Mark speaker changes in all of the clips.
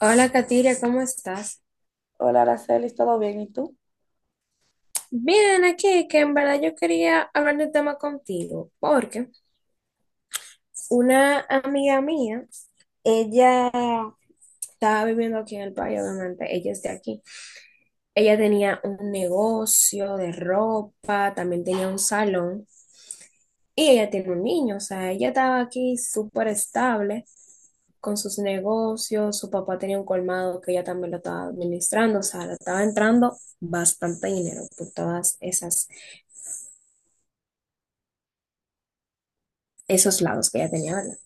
Speaker 1: Hola, Katiria, ¿cómo estás?
Speaker 2: Hola, Araceli, ¿todo bien? ¿Y tú?
Speaker 1: Bien, aquí, que en verdad yo quería hablar de un tema contigo, porque una amiga mía, ella estaba viviendo aquí en el país, obviamente, ella es de aquí. Ella tenía un negocio de ropa, también tenía un salón, y ella tiene un niño, o sea, ella estaba aquí súper estable con sus negocios, su papá tenía un colmado que ella también lo estaba administrando, o sea, le estaba entrando bastante dinero por todas esas esos lados que ella tenía, ¿verdad?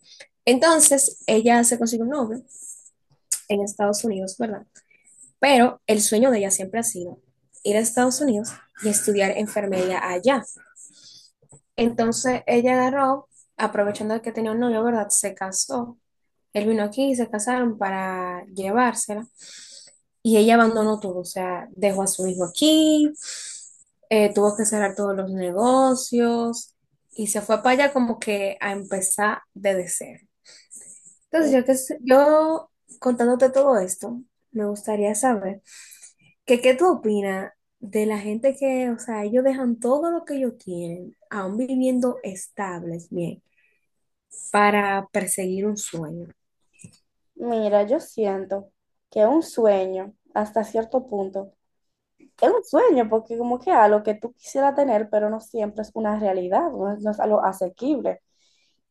Speaker 1: Entonces, ella se consiguió un novio en Estados Unidos, ¿verdad? Pero el sueño de ella siempre ha sido ir a Estados Unidos y estudiar enfermería allá. Entonces, ella agarró, aprovechando que tenía un novio, ¿verdad? Se casó. Él vino aquí y se casaron para llevársela. Y ella abandonó todo, o sea, dejó a su hijo aquí, tuvo que cerrar todos los negocios y se fue para allá como que a empezar desde cero. Entonces,
Speaker 2: ¿Qué?
Speaker 1: yo contándote todo esto, me gustaría saber que qué tú opinas de la gente que, o sea, ellos dejan todo lo que ellos tienen, aún viviendo estables, bien, para perseguir un sueño.
Speaker 2: Mira, yo siento que un sueño, hasta cierto punto, es un sueño porque como que algo que tú quisieras tener, pero no siempre es una realidad, no es algo asequible.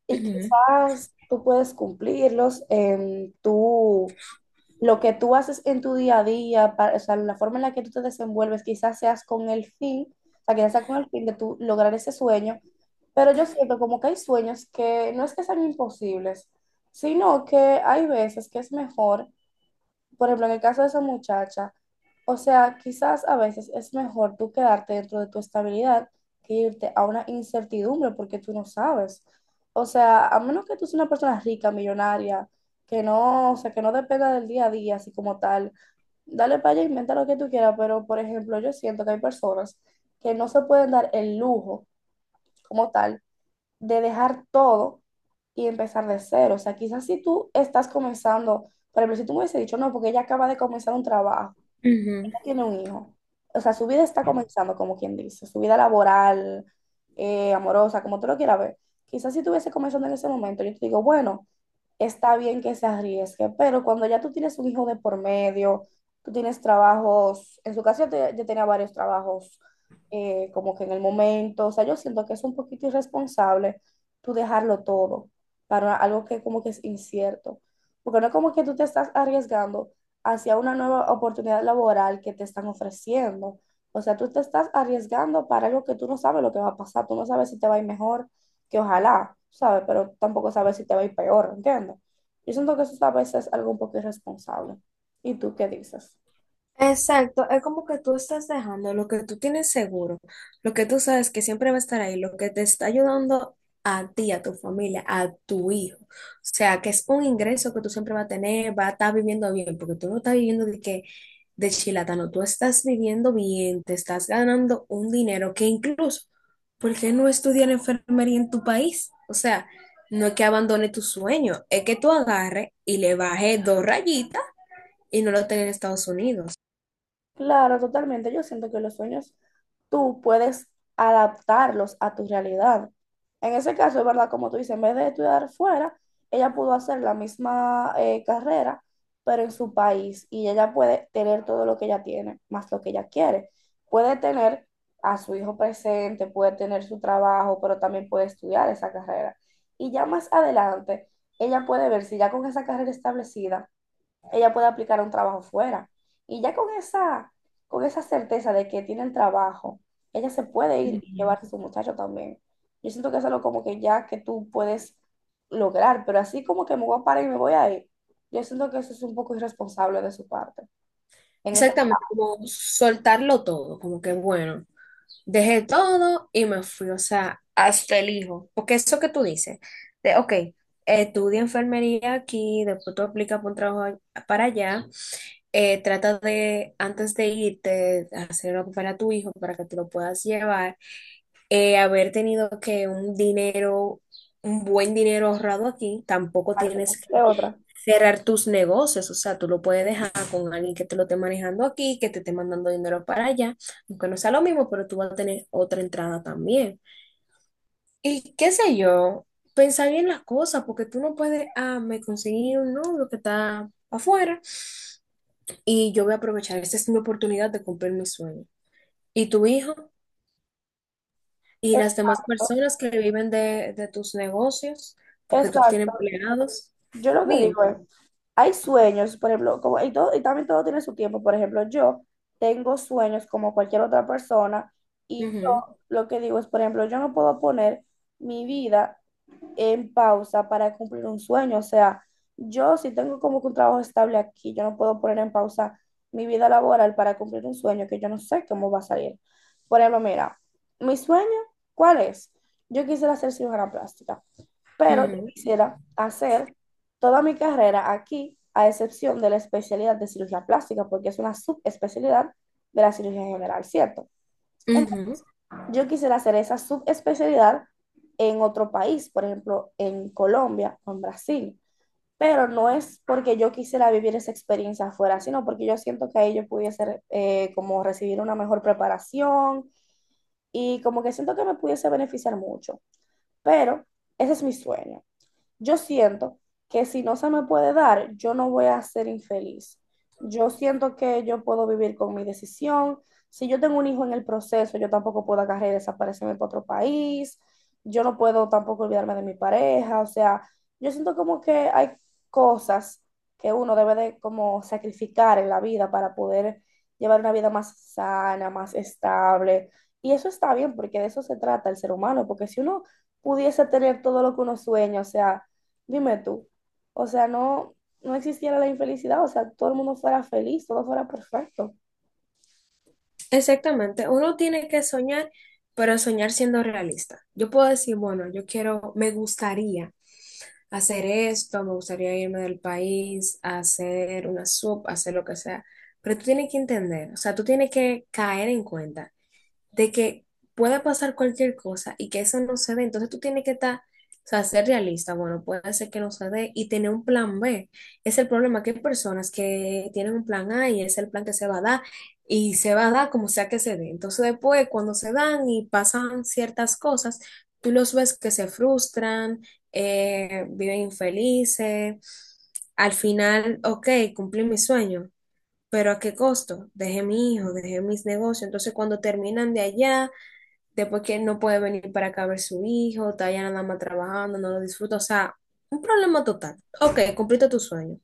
Speaker 2: Y
Speaker 1: Ujú,
Speaker 2: quizás tú puedes cumplirlos, tú lo que tú haces en tu día a día, para, o sea, la forma en la que tú te desenvuelves, quizás seas con el fin, o sea, quizás sea con el fin de tú lograr ese sueño, pero yo siento como que hay sueños que no es que sean imposibles, sino que hay veces que es mejor, por ejemplo, en el caso de esa muchacha, o sea, quizás a veces es mejor tú quedarte dentro de tu estabilidad que irte a una incertidumbre porque tú no sabes. O sea, a menos que tú seas una persona rica, millonaria, que no, o sea, que no dependa del día a día, así como tal, dale para allá, inventa lo que tú quieras, pero por ejemplo, yo siento que hay personas que no se pueden dar el lujo como tal de dejar todo y empezar de cero. O sea, quizás si tú estás comenzando, por ejemplo, si tú me hubiese dicho, no, porque ella acaba de comenzar un trabajo,
Speaker 1: ujú.
Speaker 2: tiene un hijo, o sea, su vida está comenzando, como quien dice, su vida laboral, amorosa, como tú lo quieras ver. Quizás si tuviese comenzando en ese momento, yo te digo, bueno, está bien que se arriesgue, pero cuando ya tú tienes un hijo de por medio, tú tienes trabajos, en su caso yo, yo tenía varios trabajos como que en el momento, o sea, yo siento que es un poquito irresponsable tú dejarlo todo para algo que como que es incierto, porque no es como que tú te estás arriesgando hacia una nueva oportunidad laboral que te están ofreciendo. O sea, tú te estás arriesgando para algo que tú no sabes lo que va a pasar, tú no sabes si te va a ir mejor, que ojalá, ¿sabes? Pero tampoco sabes si te va a ir peor, ¿entiendes? Yo siento que eso a veces es algo un poco irresponsable. ¿Y tú qué dices?
Speaker 1: Exacto, es como que tú estás dejando lo que tú tienes seguro, lo que tú sabes que siempre va a estar ahí, lo que te está ayudando a ti, a tu familia, a tu hijo. O sea, que es un ingreso que tú siempre vas a tener, va a estar viviendo bien, porque tú no estás viviendo de que de chilatano, tú estás viviendo bien, te estás ganando un dinero que incluso, ¿por qué no estudiar enfermería en tu país? O sea, no es que abandone tu sueño, es que tú agarres y le bajes dos rayitas y no lo tengas en Estados Unidos.
Speaker 2: Claro, totalmente. Yo siento que los sueños tú puedes adaptarlos a tu realidad. En ese caso, es verdad, como tú dices, en vez de estudiar fuera, ella pudo hacer la misma carrera, pero en su país, y ella puede tener todo lo que ella tiene, más lo que ella quiere. Puede tener a su hijo presente, puede tener su trabajo, pero también puede estudiar esa carrera. Y ya más adelante, ella puede ver si ya con esa carrera establecida ella puede aplicar a un trabajo fuera. Y ya con esa certeza de que tiene el trabajo, ella se puede ir y
Speaker 1: Ujú.
Speaker 2: llevarse a su muchacho también. Yo siento que es algo como que ya que tú puedes lograr, pero así como que me voy a parar y me voy a ir, yo siento que eso es un poco irresponsable de su parte. En esa
Speaker 1: Exactamente, como soltarlo todo, como que bueno, dejé todo y me fui, o sea, hasta el hijo, porque eso que tú dices, de, ok, estudia enfermería aquí, después tú aplicas por un trabajo para allá, trata de, antes de irte, hacer algo para tu hijo, para que te lo puedas llevar, haber tenido que un dinero, un buen dinero ahorrado aquí, tampoco
Speaker 2: parte,
Speaker 1: tienes
Speaker 2: de
Speaker 1: que
Speaker 2: otra.
Speaker 1: cerrar tus negocios, o sea, tú lo puedes dejar con alguien que te lo esté manejando aquí, que te esté mandando dinero para allá, aunque no sea lo mismo, pero tú vas a tener otra entrada también. Y qué sé yo, pensar bien las cosas, porque tú no puedes, ah, me conseguí un novio que está afuera y yo voy a aprovechar, esta es mi oportunidad de cumplir mi sueño. Y tu hijo y las demás
Speaker 2: Exacto,
Speaker 1: personas que viven de tus negocios, porque tú tienes
Speaker 2: exacto.
Speaker 1: empleados,
Speaker 2: Yo lo que
Speaker 1: dime.
Speaker 2: digo es, hay sueños, por ejemplo, como, y, todo, y también todo tiene su tiempo. Por ejemplo, yo tengo sueños como cualquier otra persona y
Speaker 1: Ujú,
Speaker 2: yo lo que digo es, por ejemplo, yo no puedo poner mi vida en pausa para cumplir un sueño. O sea, yo si tengo como que un trabajo estable aquí, yo no puedo poner en pausa mi vida laboral para cumplir un sueño que yo no sé cómo va a salir. Por ejemplo, mira, mi sueño, ¿cuál es? Yo quisiera ser cirujana plástica, pero yo
Speaker 1: ujú,
Speaker 2: quisiera hacer toda mi carrera aquí, a excepción de la especialidad de cirugía plástica, porque es una subespecialidad de la cirugía general, ¿cierto? Entonces,
Speaker 1: ujú.
Speaker 2: yo quisiera hacer esa subespecialidad en otro país, por ejemplo, en Colombia o en Brasil, pero no es porque yo quisiera vivir esa experiencia afuera, sino porque yo siento que ahí yo pudiese como recibir una mejor preparación y como que siento que me pudiese beneficiar mucho, pero ese es mi sueño. Yo siento que si no se me puede dar, yo no voy a ser infeliz. Yo siento que yo puedo vivir con mi decisión. Si yo tengo un hijo en el proceso, yo tampoco puedo agarrar y desaparecerme para otro país. Yo no puedo tampoco olvidarme de mi pareja. O sea, yo siento como que hay cosas que uno debe de como sacrificar en la vida para poder llevar una vida más sana, más estable. Y eso está bien porque de eso se trata el ser humano, porque si uno pudiese tener todo lo que uno sueña, o sea, dime tú, o sea, no, no existiera la infelicidad, o sea, todo el mundo fuera feliz, todo fuera perfecto.
Speaker 1: Exactamente, uno tiene que soñar, pero soñar siendo realista. Yo puedo decir, bueno, yo quiero, me gustaría hacer esto, me gustaría irme del país, hacer una sub, hacer lo que sea, pero tú tienes que entender, o sea, tú tienes que caer en cuenta de que puede pasar cualquier cosa y que eso no se dé. Entonces tú tienes que estar, o sea, ser realista. Bueno, puede ser que no se dé y tener un plan B. Es el problema que hay personas que tienen un plan A y es el plan que se va a dar y se va a dar como sea que se dé. Entonces después, cuando se dan y pasan ciertas cosas, tú los ves que se frustran, viven infelices. Al final, ok, cumplí mi sueño, pero ¿a qué costo? Dejé mi hijo, dejé mis negocios. Entonces, cuando terminan de allá, después que él no puede venir para acá a ver su hijo, está allá nada más trabajando, no lo disfruta. O sea, un problema total. Ok, cumpliste tu sueño,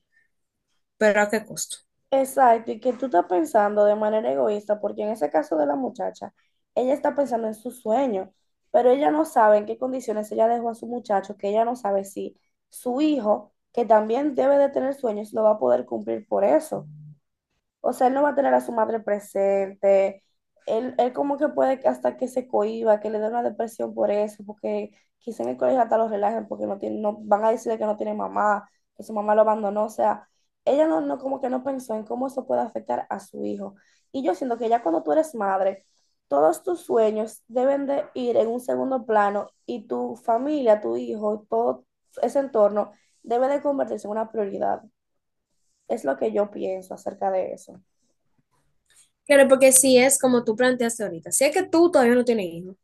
Speaker 1: pero ¿a qué costo?
Speaker 2: Exacto, y que tú estás pensando de manera egoísta, porque en ese caso de la muchacha, ella está pensando en su sueño, pero ella no sabe en qué condiciones ella dejó a su muchacho, que ella no sabe si su hijo, que también debe de tener sueños, lo va a poder cumplir por eso. O sea, él no va a tener a su madre presente. Él como que puede que hasta que se cohiba, que le dé una depresión por eso, porque quizá en el colegio hasta lo relajen porque no tiene, no, van a decir que no tiene mamá, que su mamá lo abandonó. O sea, ella no, no como que no pensó en cómo eso puede afectar a su hijo. Y yo siento que ya cuando tú eres madre, todos tus sueños deben de ir en un segundo plano y tu familia, tu hijo, todo ese entorno debe de convertirse en una prioridad. Es lo que yo pienso acerca de eso.
Speaker 1: Claro, porque si es como tú planteaste ahorita, si es que tú todavía no tienes hijo,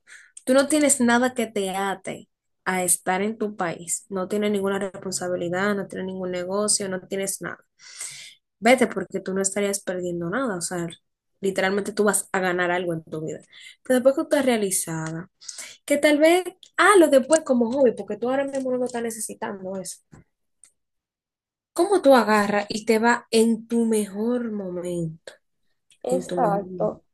Speaker 1: tú no tienes nada que te ate a estar en tu país. No tienes ninguna responsabilidad, no tienes ningún negocio, no tienes nada. Vete porque tú no estarías perdiendo nada. O sea, literalmente tú vas a ganar algo en tu vida. Pero después que tú estás realizada, que tal vez, ah, lo después como hobby, porque tú ahora mismo no lo estás necesitando eso. ¿Cómo tú agarras y te va en tu mejor momento? En tu mejor momento.
Speaker 2: Exacto.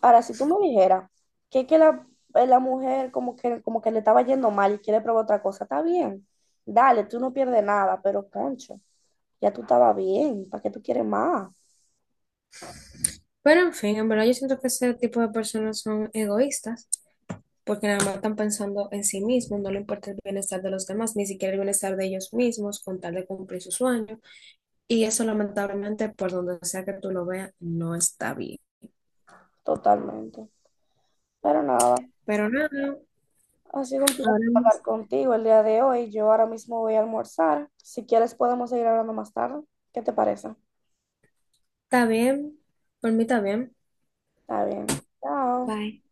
Speaker 2: Ahora, si tú me dijeras que la, la mujer como que le estaba yendo mal y quiere probar otra cosa, está bien. Dale, tú no pierdes nada, pero concho, ya tú estabas bien, ¿para qué tú quieres más?
Speaker 1: Pero en fin, en verdad yo siento que ese tipo de personas son egoístas. Porque nada más están pensando en sí mismos, no le importa el bienestar de los demás, ni siquiera el bienestar de ellos mismos con tal de cumplir sus sueños. Y eso lamentablemente, por donde sea que tú lo veas, no está bien.
Speaker 2: Totalmente. Pero nada,
Speaker 1: Pero nada,
Speaker 2: ha sido un
Speaker 1: ahora
Speaker 2: placer hablar contigo el día de hoy. Yo ahora mismo voy a almorzar. Si quieres podemos seguir hablando más tarde. ¿Qué te parece?
Speaker 1: está bien, por mí está bien.
Speaker 2: Está bien. Chao.
Speaker 1: Bye.